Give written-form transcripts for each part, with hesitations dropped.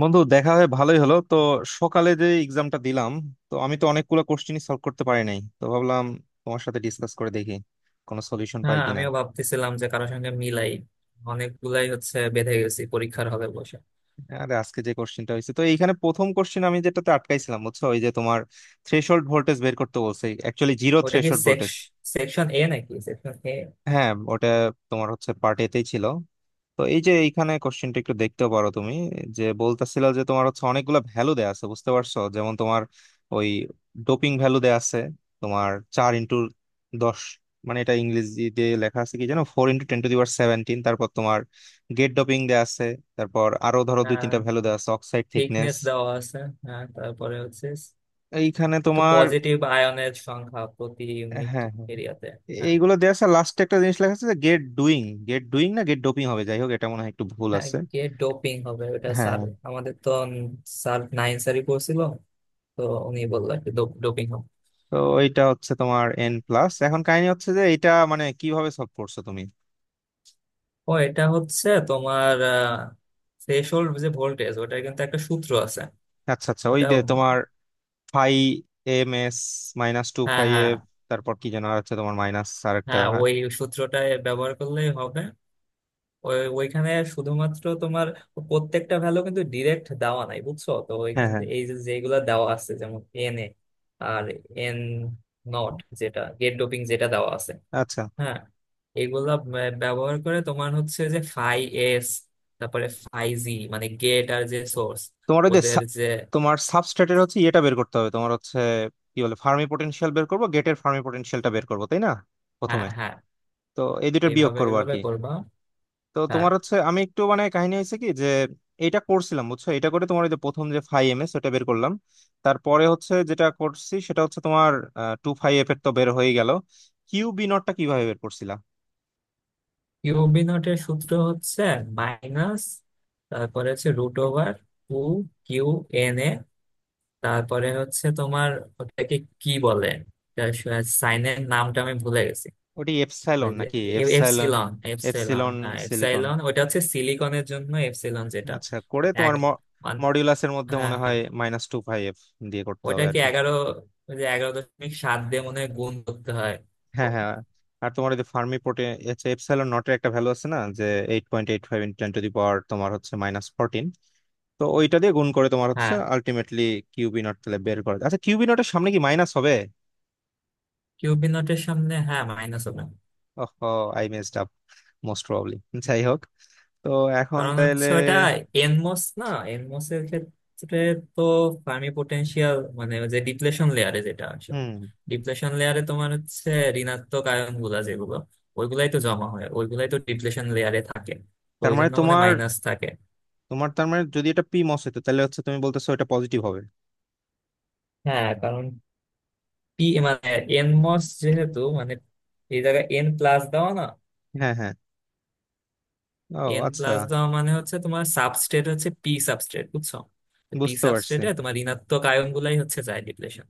বন্ধু দেখা হয়ে ভালোই হলো তো। সকালে যে এক্সামটা দিলাম, তো আমি তো অনেকগুলো কোশ্চেনই সলভ করতে পারি নাই, তো ভাবলাম তোমার সাথে ডিসকাস করে দেখি কোনো সলিউশন পাই হ্যাঁ, কিনা। আমিও ভাবতেছিলাম যে কারোর সঙ্গে মিলাই। অনেকগুলাই হচ্ছে বেঁধে গেছি পরীক্ষার হলে বসে। আরে আজকে যে কোশ্চেনটা হয়েছে, তো এইখানে প্রথম কোশ্চেন আমি যেটাতে আটকাইছিলাম বুঝছো, ওই যে তোমার থ্রেশহোল্ড ভোল্টেজ বের করতে বলছে, অ্যাকচুয়ালি জিরো ওটা কি থ্রেশহোল্ড ভোল্টেজ। সেকশন এ নাকি সেকশন এ? হ্যাঁ, ওটা তোমার হচ্ছে পার্ট এতেই ছিল। তো এই যে এইখানে কোশ্চেনটা একটু দেখতে পারো তুমি, যে বলতেছিল যে তোমার হচ্ছে অনেকগুলো ভ্যালু দেয়া আছে, বুঝতে পারছো, যেমন তোমার ওই ডোপিং ভ্যালু দেয়া আছে, তোমার চার ইন্টু দশ, মানে এটা ইংরেজিতে লেখা আছে কি জানো, 4×10^17। তারপর তোমার গেট ডোপিং দেয়া আছে, তারপর আরো ধরো দুই তিনটা ভ্যালু দেয়া আছে, অক্সাইড থিকনেস থিকনেস দেওয়া আছে। হ্যাঁ, তারপরে হচ্ছে। এইখানে ওই তো তোমার। পজিটিভ আয়নের সংখ্যা প্রতি হ্যাঁ, ইউনিট হ্যাঁ, এরিয়াতে। হ্যাঁ, এইগুলো দেয়া আছে। লাস্টে একটা জিনিস লেখা আছে যে গেট ডুইং, গেট ডুইং না, গেট ডোপিং হবে, যাই হোক এটা মনে হয় একটু ভুল হ্যাঁ। আছে। গিয়ে ডোপিং হবে ওটা, হ্যাঁ, স্যার। হ্যাঁ। আমাদের তো স্যার নাইন স্যারই পড়ছিল। তো উনি বললো ডোপিং হবে। তো এইটা হচ্ছে তোমার এন প্লাস। এখন কাহিনী হচ্ছে যে এটা মানে কিভাবে সলভ করছো তুমি? ও, এটা হচ্ছে তোমার থ্রেশোল্ড যে ভোল্টেজ, ওটার কিন্তু একটা সূত্র আছে। আচ্ছা, আচ্ছা, ওই ওটা। যে তোমার phi M S minus two হ্যাঁ, ফাই হ্যাঁ, এফ, তারপর কি যেন আছে তোমার মাইনাস আর একটা। হ্যাঁ। ওই সূত্রটা ব্যবহার করলেই হবে। ওই, ওইখানে শুধুমাত্র তোমার প্রত্যেকটা ভ্যালু কিন্তু ডিরেক্ট দেওয়া নাই, বুঝছো? তো হ্যাঁ, ওইখান হ্যাঁ। থেকে এই যে যেগুলা দেওয়া আছে, যেমন এন এ আর এন নট, যেটা গেট ডোপিং যেটা দেওয়া আছে। আচ্ছা হ্যাঁ, এগুলা ব্যবহার করে তোমার হচ্ছে যে ফাই এস, তারপরে ফাই জি মানে গেট আর যে সোর্স তোমার ওই যে ওদের যে। তোমার সাবস্ট্রেটের হচ্ছে ইয়েটা বের করতে হবে, তোমার হচ্ছে কি বলে ফার্মি পটেনশিয়াল বের করবো, গেটের ফার্মি পটেনশিয়ালটা বের করবো, তাই না, হ্যাঁ, প্রথমে? হ্যাঁ। তো এই দুটোর বিয়োগ এইভাবে করবো আর এইভাবে কি। করবা। তো হ্যাঁ, তোমার হচ্ছে আমি একটু মানে কাহিনী হয়েছে কি যে এটা করছিলাম বুঝছো, এটা করে তোমার ওই যে প্রথম যে ফাইভ এম এস ওটা বের করলাম। তারপরে হচ্ছে যেটা করছি সেটা হচ্ছে তোমার টু ফাইভ এফ এর তো বের হয়ে গেল। কিউ বি নটটা কিভাবে বের করছিলা? কিউবি নটের সূত্র হচ্ছে মাইনাস, তারপরে হচ্ছে root over two Q N A, তারপরে হচ্ছে তোমার ওটাকে, কি বলে, সাইনের নামটা আমি ভুলে গেছি। ওটি ওই এপসাইলন যে নাকি এপসাইলন? এপসিলন এপসাইলন, এপসিলন হ্যাঁ, সিলিকন। এপসাইলন। ওটা হচ্ছে সিলিকনের জন্য এপসাইলন, যেটা আচ্ছা, করে ওই তোমার মানে। মডিউলাসের মধ্যে হ্যাঁ, মনে হ্যাঁ, হয় মাইনাস টু ফাইভ এফ দিয়ে করতে হবে আর ওটাকে কি। 11, ওই যে 11.7 দিয়ে মনে হয় গুণ করতে হয়। হ্যাঁ, হ্যাঁ। আর তোমার ওই যে ফার্মি পোর্টে এপসাইলন নটের একটা ভ্যালু আছে না, যে 8.85×10^-14, তো ওইটা দিয়ে গুণ করে তোমার হচ্ছে হ্যাঁ, আলটিমেটলি কিউবি নট তাহলে বের করে। আচ্ছা, কিউবি নটের সামনে কি মাইনাস হবে? কিউবি নটের সামনে হ্যাঁ মাইনাস হবে। Oh, I messed up, most probably. যাই হোক, তো এখন কারণ তাহলে। হচ্ছে ওটা এনমস না, এনমস এর ক্ষেত্রে তো ফার্মি পোটেনশিয়াল মানে ওই যে ডিপ্লেশন লেয়ারে যেটা আসে। হুম। ডিপ্লেশন লেয়ারে তোমার হচ্ছে ঋণাত্মক আয়ন গুলা, যেগুলো ওইগুলাই তো জমা হয়, ওইগুলাই তো ডিপ্লেশন লেয়ারে থাকে। তো তার ওই মানে জন্য মানে তোমার মাইনাস থাকে। তোমার তার মানে যদি এটা পি মস হতো তাহলে হচ্ছে তুমি বলতেছো এটা পজিটিভ হবে? হ্যাঁ, কারণ পি মানে এনমস যেহেতু মানে এই জায়গায় এন প্লাস দেওয়া না। হ্যাঁ, হ্যাঁ, ও এন আচ্ছা। প্লাস দেওয়া মানে হচ্ছে তোমার সাবস্ট্রেট হচ্ছে পি সাবস্ট্রেট, বুঝছো? পি বুঝতে পারছি। সাবস্ট্রেটে তোমার ঋণাত্মক আয়ন গুলাই হচ্ছে যায় ডিপ্লেশন।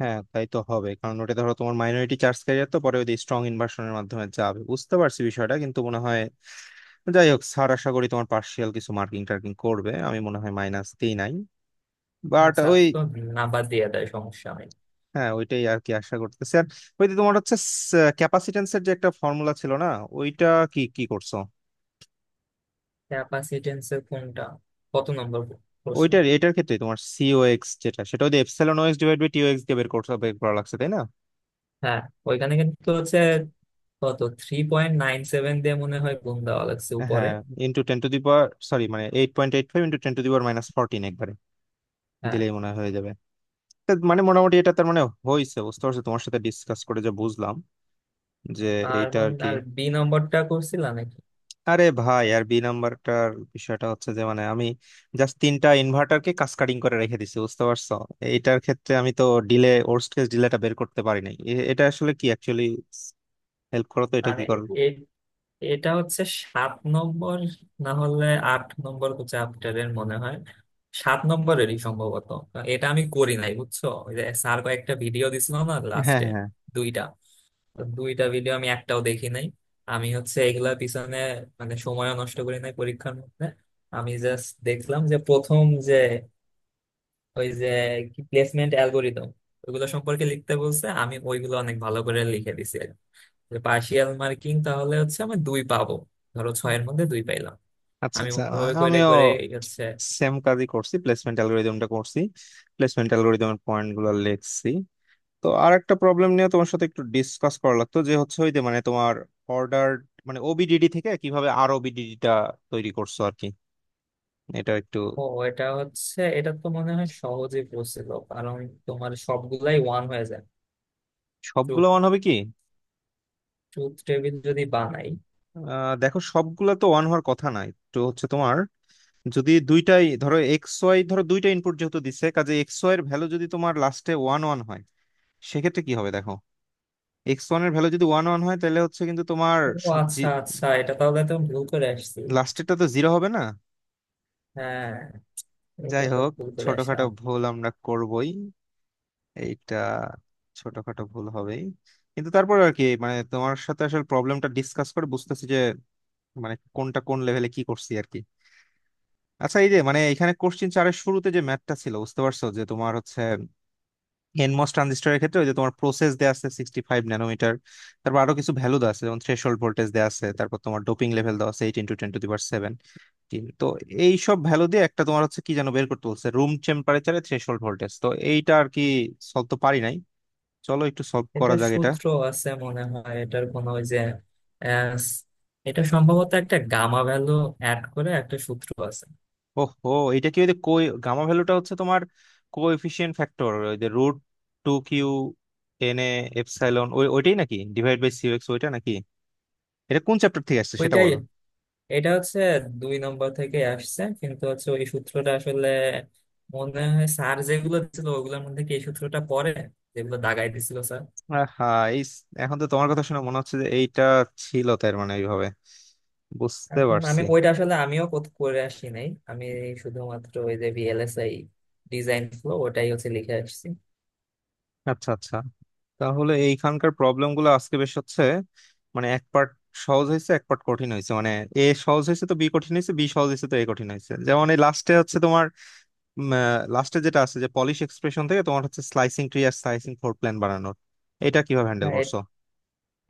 হ্যাঁ, তাই তো হবে, কারণ ওটা ধরো তোমার মাইনরিটি চার্জ ক্যারিয়ার তো পরে ওই স্ট্রং ইনভার্সনের মাধ্যমে যাবে। বুঝতে পারছি বিষয়টা, কিন্তু মনে হয়, যাই হোক, স্যার আশা করি তোমার পার্সিয়াল কিছু মার্কিং টার্কিং করবে। আমি মনে হয় মাইনাস দিই নাই, না, বাট সাফ ওই, তো। না, বাদ দিয়ে দেয়, সমস্যা নেই। হ্যাঁ ওইটাই আর কি, আশা করতেছি। আর ওই যে তোমার হচ্ছে ক্যাপাসিটেন্সের যে একটা ফর্মুলা ছিল না, ওইটা কি কি করছো? ক্যাপাসিটেন্সের কোনটা? কত নম্বর প্রশ্ন? ওইটার, এটার ক্ষেত্রে তোমার সিওএক্স যেটা, সেটা ওই epsilon O X divide by T O X দিয়ে বের করতে, বের করা লাগছে, তাই না? হ্যাঁ, ওইখানে কিন্তু হচ্ছে কত 3.97 দিয়ে মনে হয় গুণ দেওয়া লাগছে উপরে। হ্যাঁ, into ten to the power sorry, মানে 8.85×10^-14 একবারে হ্যাঁ। দিলেই মনে হয় হয়ে যাবে। তা মানে মোটামুটি এটা, তার মানে হয়েছে, বুঝতে পারছো, তোমার সাথে ডিসকাস করে যা বুঝলাম যে আর এইটা মন আর কি। আর বি নম্বরটা করছিলাম নাকি? আরে ভাই, আর বি নাম্বারটার বিষয়টা হচ্ছে যে মানে আমি জাস্ট তিনটা ইনভার্টারকে কাসকেডিং করে রেখে দিছি, বুঝতে পারছো। এটার ক্ষেত্রে আমি তো ডিলে ওর্স্ট কেস ডিলেটা বের করতে পারি নাই। এটা আসলে কি অ্যাকচুয়ালি, হেল্প করো তো এটা মানে কি করো। এ- এটা হচ্ছে সাত নম্বর, না হলে আট নম্বর চ্যাপ্টারের মনে হয়, সাত নম্বরেরই সম্ভবত। এটা আমি করি নাই, বুঝছো? ওই যে স্যার কয়েকটা ভিডিও দিছিল না হ্যাঁ, লাস্টে, হ্যাঁ, দুইটা দুইটা ভিডিও আমি একটাও দেখি নাই। আমি হচ্ছে এগুলা পিছনে মানে সময় নষ্ট করি নাই পরীক্ষার মধ্যে। আমি জাস্ট দেখলাম যে প্রথম যে ওই যে কি প্লেসমেন্ট অ্যালগোরিদম ওইগুলো সম্পর্কে লিখতে বলছে, আমি ওইগুলো অনেক ভালো করে লিখে দিছি আর কি। যে পার্শিয়াল মার্কিং তাহলে হচ্ছে আমি দুই পাবো, ধরো ছয়ের মধ্যে দুই পাইলাম। আচ্ছা, আমি আচ্ছা, ওভাবে করে আমিও করে হচ্ছে। সেম কাজই করছি, প্লেসমেন্ট অ্যালগোরিদমটা করছি, প্লেসমেন্ট অ্যালগোরিদমের পয়েন্ট গুলো লিখছি। তো আর একটা প্রবলেম নিয়ে তোমার সাথে একটু ডিসকাস করা লাগতো যে হচ্ছে ওই যে মানে তোমার অর্ডার, মানে ওবিডিডি থেকে কিভাবে আর ওবিডিডিটা তৈরি করছো আর কি, এটা একটু। ও, এটা হচ্ছে, এটা তো মনে হয় সহজে পড়ছিল, কারণ তোমার সবগুলাই ওয়ান হয়ে যায়, সবগুলো ওয়ান হবে কি? ট্রুথ টেবিল যদি বানাই। দেখো সবগুলা তো ওয়ান হওয়ার কথা না, একটু হচ্ছে তোমার, যদি দুইটাই ধরো এক্স ওয়াই ধরো দুইটা ইনপুট যেহেতু দিছে, কাজে এক্স ওয়াই এর ভ্যালু যদি তোমার লাস্টে ওয়ান ওয়ান হয় সেক্ষেত্রে কি হবে দেখো, এক্স ওয়ান এর ভ্যালু যদি ওয়ান ওয়ান হয় তাহলে হচ্ছে কিন্তু তোমার ও স- আচ্ছা, জি- আচ্ছা, এটা তাহলে তো ভুল করে আসছি। লাস্টেরটা তো জিরো হবে না। হ্যাঁ, এটা যাই তো হোক, ভুল করে ছোটখাটো আসলাম। ভুল আমরা করবই, এইটা ছোটখাটো ভুল হবেই। কিন্তু তারপর আর কি, মানে তোমার সাথে আসলে প্রবলেমটা ডিসকাস করে বুঝতেছি যে মানে কোনটা কোন লেভেলে কি করছি আর কি। আচ্ছা, এই যে মানে এখানে কোশ্চিন চারের শুরুতে যে ম্যাথটা ছিল বুঝতে পারছো, যে তোমার হচ্ছে এনমস ট্রানজিস্টরের ক্ষেত্রে ওই যে তোমার প্রসেস দেয়া আছে 65 ন্যানোমিটার, তারপর আরো কিছু ভ্যালু দেওয়া আছে, যেমন থ্রেশহোল্ড ভোল্টেজ দেওয়া আছে, তারপর তোমার ডোপিং লেভেল দেওয়া আছে 8×10^7। তো এই সব ভ্যালু দিয়ে একটা তোমার হচ্ছে কি যেন বের করতে বলছে, রুম টেম্পারেচারে থ্রেশহোল্ড ভোল্টেজ, তো এইটা আর কি সলভ তো পারি নাই। চলো একটু সলভ এটা করা যাক এটা। সূত্র আছে মনে হয় এটার কোনো, ওই যে আহ, এটা সম্ভবত একটা গামা ভ্যালু অ্যাড করে একটা সূত্র আছে। ওহো, এটা কি ওই যে কোই গামা ভ্যালুটা হচ্ছে তোমার কোএফিসিয়েন্ট ফ্যাক্টর ওই যে root two Q N A epsilon, ওই ওইটাই নাকি ডিভাইড বাই সিউ এক্স, ওইটা নাকি? এটা কোন চ্যাপ্টার থেকে আসছে সেটা ওইটাই। বলো। এটা হচ্ছে দুই নম্বর থেকে আসছে, কিন্তু হচ্ছে ওই সূত্রটা আসলে মনে হয় স্যার যেগুলো দিছিল ওগুলোর মধ্যে কি এই সূত্রটা পড়ে, যেগুলো দাগাই দিছিল। হ্যাঁ, এই এখন তো তোমার কথা শুনে মনে হচ্ছে যে এইটা ছিল, তার মানে এইভাবে বুঝতে এখন আমি পারছি। ওইটা আসলে আমিও করে আসি নাই। আমি শুধুমাত্র ওই যে ভিএলএসআই ডিজাইন ফ্লো ওটাই হচ্ছে লিখে আসছি। আচ্ছা, আচ্ছা, তাহলে এইখানকার প্রবলেম গুলো আজকে বেশ হচ্ছে মানে, এক পার্ট সহজ হয়েছে এক পার্ট কঠিন হয়েছে, মানে এ সহজ হয়েছে তো বি কঠিন হয়েছে, বি সহজ হয়েছে তো এ কঠিন হয়েছে। যেমন এই লাস্টে হচ্ছে তোমার লাস্টে যেটা আছে যে পলিশ এক্সপ্রেশন থেকে তোমার হচ্ছে স্লাইসিং ট্রি আর স্লাইসিং ফোর প্ল্যান বানানোর, এটা কিভাবে না, হ্যান্ডেল করছো?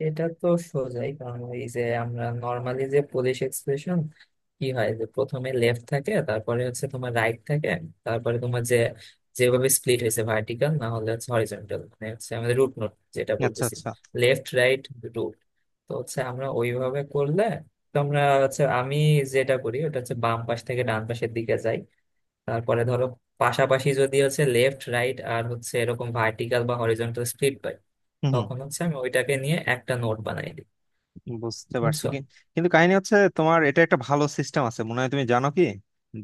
এটা তো সোজাই, কারণ এই যে আমরা নর্মালি যে পোলিশ এক্সপ্রেশন কি হয়, যে প্রথমে লেফট থাকে, তারপরে হচ্ছে তোমার রাইট থাকে, তারপরে তোমার যে যেভাবে স্প্লিট হয়েছে ভার্টিক্যাল না হলে হচ্ছে হরিজন্টাল, মানে হচ্ছে আমাদের রুট নোট যেটা আচ্ছা, বলতেছি, আচ্ছা। Left right root. তো হচ্ছে আমরা ওইভাবে করলে, তো আমরা হচ্ছে আমি যেটা করি ওটা হচ্ছে বাম পাশ থেকে ডান পাশের দিকে যাই। তারপরে ধরো পাশাপাশি যদি হচ্ছে লেফট রাইট আর হচ্ছে এরকম ভার্টিক্যাল বা হরিজন্টাল স্প্লিট পাই, হুম। তখন হচ্ছে আমি ওইটাকে নিয়ে একটা নোট বানাই দিই। হুম, বুঝতে পারছি বুঝছো? কি, কিন্তু কাহিনী হচ্ছে তোমার এটা একটা ভালো সিস্টেম আছে মনে হয়, তুমি জানো কি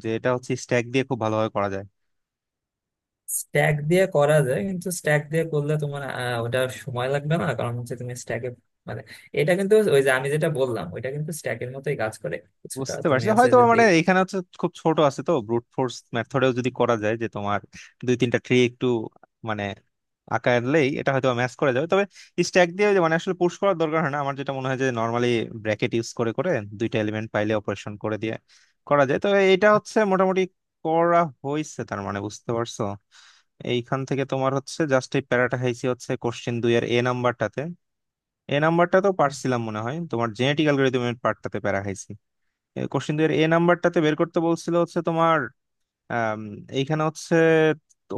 যে এটা হচ্ছে স্ট্যাক দিয়ে খুব ভালোভাবে করা যায়। স্ট্যাক দিয়ে করা যায়, কিন্তু স্ট্যাক দিয়ে করলে তোমার ওটা সময় লাগবে না, কারণ হচ্ছে তুমি স্ট্যাকে মানে, এটা কিন্তু ওই যে আমি যেটা বললাম ওইটা কিন্তু স্ট্যাকের মতোই কাজ করে কিছুটা, বুঝতে তুমি পারছি, হচ্ছে হয়তো যদি। মানে এখানে হচ্ছে খুব ছোট আছে তো ব্রুট ফোর্স মেথডেও যদি করা যায়, যে তোমার দুই তিনটা ট্রি একটু মানে আঁকালেই এটা হয়তো ম্যাচ করা যাবে। তবে স্ট্যাক দিয়ে যে মানে আসলে পুশ করার দরকার হয় না, আমার যেটা মনে হয় যে নর্মালি ব্র্যাকেট ইউজ করে করে দুইটা এলিমেন্ট পাইলে অপারেশন করে দিয়ে করা যায়। তো এটা হচ্ছে মোটামুটি করা হয়েছে, তার মানে বুঝতে পারছো, এইখান থেকে তোমার হচ্ছে জাস্ট এই প্যারাটা খাইছি, হচ্ছে কোশ্চেন দুই এর এ নাম্বারটাতে, এ নাম্বারটা তো পারছিলাম মনে হয়, তোমার জেনেটিক অ্যালগরিদমের পার্টটাতে প্যারা খাইছি। কোশ্চিন দুই এর এ নাম্বারটাতে বের করতে বলছিল হচ্ছে তোমার আম, এইখানে হচ্ছে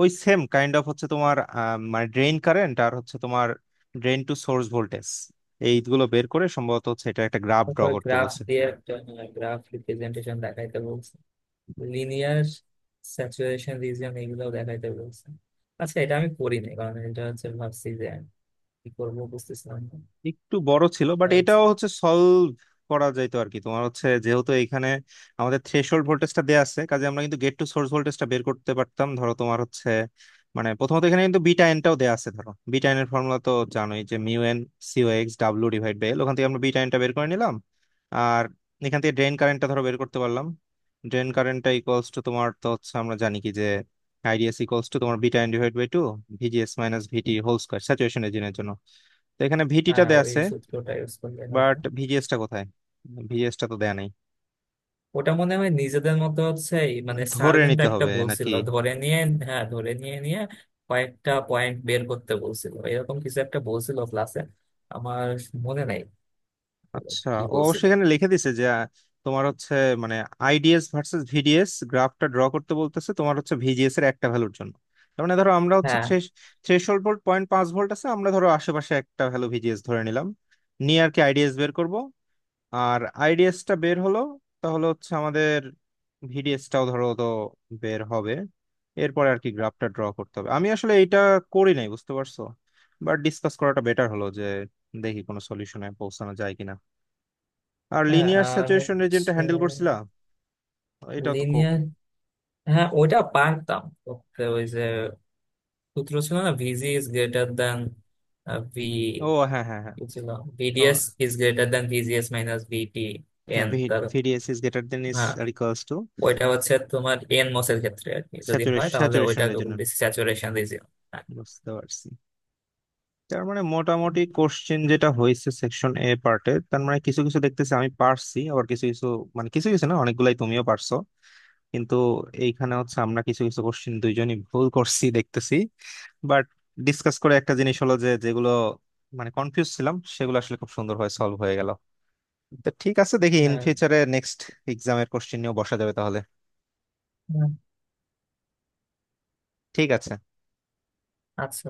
ওই সেম কাইন্ড অফ হচ্ছে তোমার, মানে ড্রেইন কারেন্ট আর হচ্ছে তোমার ড্রেইন টু সোর্স ভোল্টেজ, এইগুলো বের করে সম্ভবত হচ্ছে এটা একটা গ্রাফ ড্র করতে গ্রাফ বলছে। দিয়ে একটা গ্রাফ রিপ্রেজেন্টেশন দেখাইতে বলছে, লিনিয়ার স্যাচুরেশন রিজিয়ন এগুলো দেখাইতে বলছে। আচ্ছা, এটা আমি করিনি, কারণ এটা হচ্ছে ভাবছি যে কি করবো বুঝতেছিলাম না। একটু বড় ছিল বাট আর হচ্ছে- এটাও হচ্ছে সলভ করা যাইতো আর কি। তোমার হচ্ছে যেহেতু এখানে আমাদের থ্রেশহোল্ড ভোল্টেজটা দেয়া আছে, কাজে আমরা কিন্তু গেট টু সোর্স ভোল্টেজটা বের করতে পারতাম। ধরো তোমার হচ্ছে মানে প্রথমত এখানে কিন্তু বিটা এনটাও দেয়া আছে, ধরো বিটা এন এর ফর্মুলা তো জানোই, যে mu N C O X W divide by L, ওখান থেকে আমরা বিটা এনটা বের করে নিলাম। আর এখান থেকে ড্রেন কারেন্টটা ধরো বের করতে পারলাম। ড্রেন কারেন্টটা ইকুয়ালস টু তোমার, তো হচ্ছে আমরা জানি কি যে আইডিএস ইকুয়ালস টু তোমার beta N divide by two V G S minus V T whole square, saturation রিজিয়নের জন্য। তো এখানে ভিটিটা হ্যাঁ, দেয়া ওই আছে, সূত্রটা ইউজ করলে হবে। বাট ভিজিএসটা কোথায়? ভিজিএসটা তো দেয়া নেই। ওটা মনে হয় নিজেদের মতো হচ্ছে, এই মানে স্যার ধরে কিন্তু নিতে একটা হবে নাকি? বলছিল ধরে নিয়ে। হ্যাঁ, ধরে নিয়ে নিয়ে কয়েকটা পয়েন্ট বের করতে বলছিল, এরকম কিছু একটা বলছিল ক্লাসে। আমার মনে নাই আচ্ছা, কি ও বলছিল। সেখানে লিখে দিছে যে তোমার হচ্ছে মানে আইডিএস ভার্সেস ভিডিএস গ্রাফটা ড্র করতে বলতেছে তোমার হচ্ছে ভিজিএস এর একটা ভ্যালুর জন্য। তার মানে ধরো আমরা হচ্ছে হ্যাঁ, থ্রেশহোল্ড ভোল্ট 0.5 ভোল্ট আছে, আমরা ধরো আশেপাশে একটা ভ্যালু ভিজিএস ধরে নিলাম, নিয়ে আর কি আইডিএস বের করব। আর আইডিএসটা বের হলো, তাহলে হচ্ছে আমাদের ভিডিএসটাও ধরো তো বের হবে। এরপরে আর কি গ্রাফটা ড্র করতে হবে। আমি আসলে এটা করি নাই, বুঝতে পারছো, বাট ডিসকাস করাটা বেটার হলো যে দেখি কোনো সলিউশনে পৌঁছানো যায় কিনা। আর হ্যাঁ। লিনিয়ার আর স্যাচুরেশন রিজিয়নটা হচ্ছে হ্যান্ডেল করছিলা? এটাও তো লিনিয়ার। হ্যাঁ, ওটা পারতাম করতে, ওই যে সূত্র ছিল না, V G is greater than V, ও হ্যাঁ, হ্যাঁ, হ্যাঁ। কি ছিল? ভিডিএস তোমার, is greater than V G S minus V T হ্যাঁ, এন তার। V D S is greater then is হ্যাঁ, আর ইকুয়ালস টু, ওইটা হচ্ছে তোমার এন মসের ক্ষেত্রে, আর কি যদি হয় স্যাচুরেশন তাহলে স্যাচুরেশন ওইটা রিজিয়ন, বলতেছি স্যাচুরেশন রিজিয়ন। বুঝতে পারছি। তার মানে মোটামুটি কোশ্চেন যেটা হয়েছে সেকশন এ পার্টে, তার মানে কিছু কিছু দেখতেছি আমি পারছি, আবার কিছু কিছু মানে কিছু কিছু না, অনেকগুলাই তুমিও পারছো, কিন্তু এইখানে হচ্ছে আমরা কিছু কিছু কোশ্চেন দুইজনই ভুল করছি দেখতেছি। বাট ডিসকাস করে একটা জিনিস হলো যে যেগুলো মানে কনফিউজ ছিলাম সেগুলো আসলে খুব সুন্দর হয়ে সলভ হয়ে গেল। তো ঠিক আছে, দেখি ইন হ্যাঁ, ফিউচারে নেক্সট এক্সামের কোশ্চেন নিয়েও বসা যাবে তাহলে। হ্যাঁ। ঠিক আছে। আচ্ছা।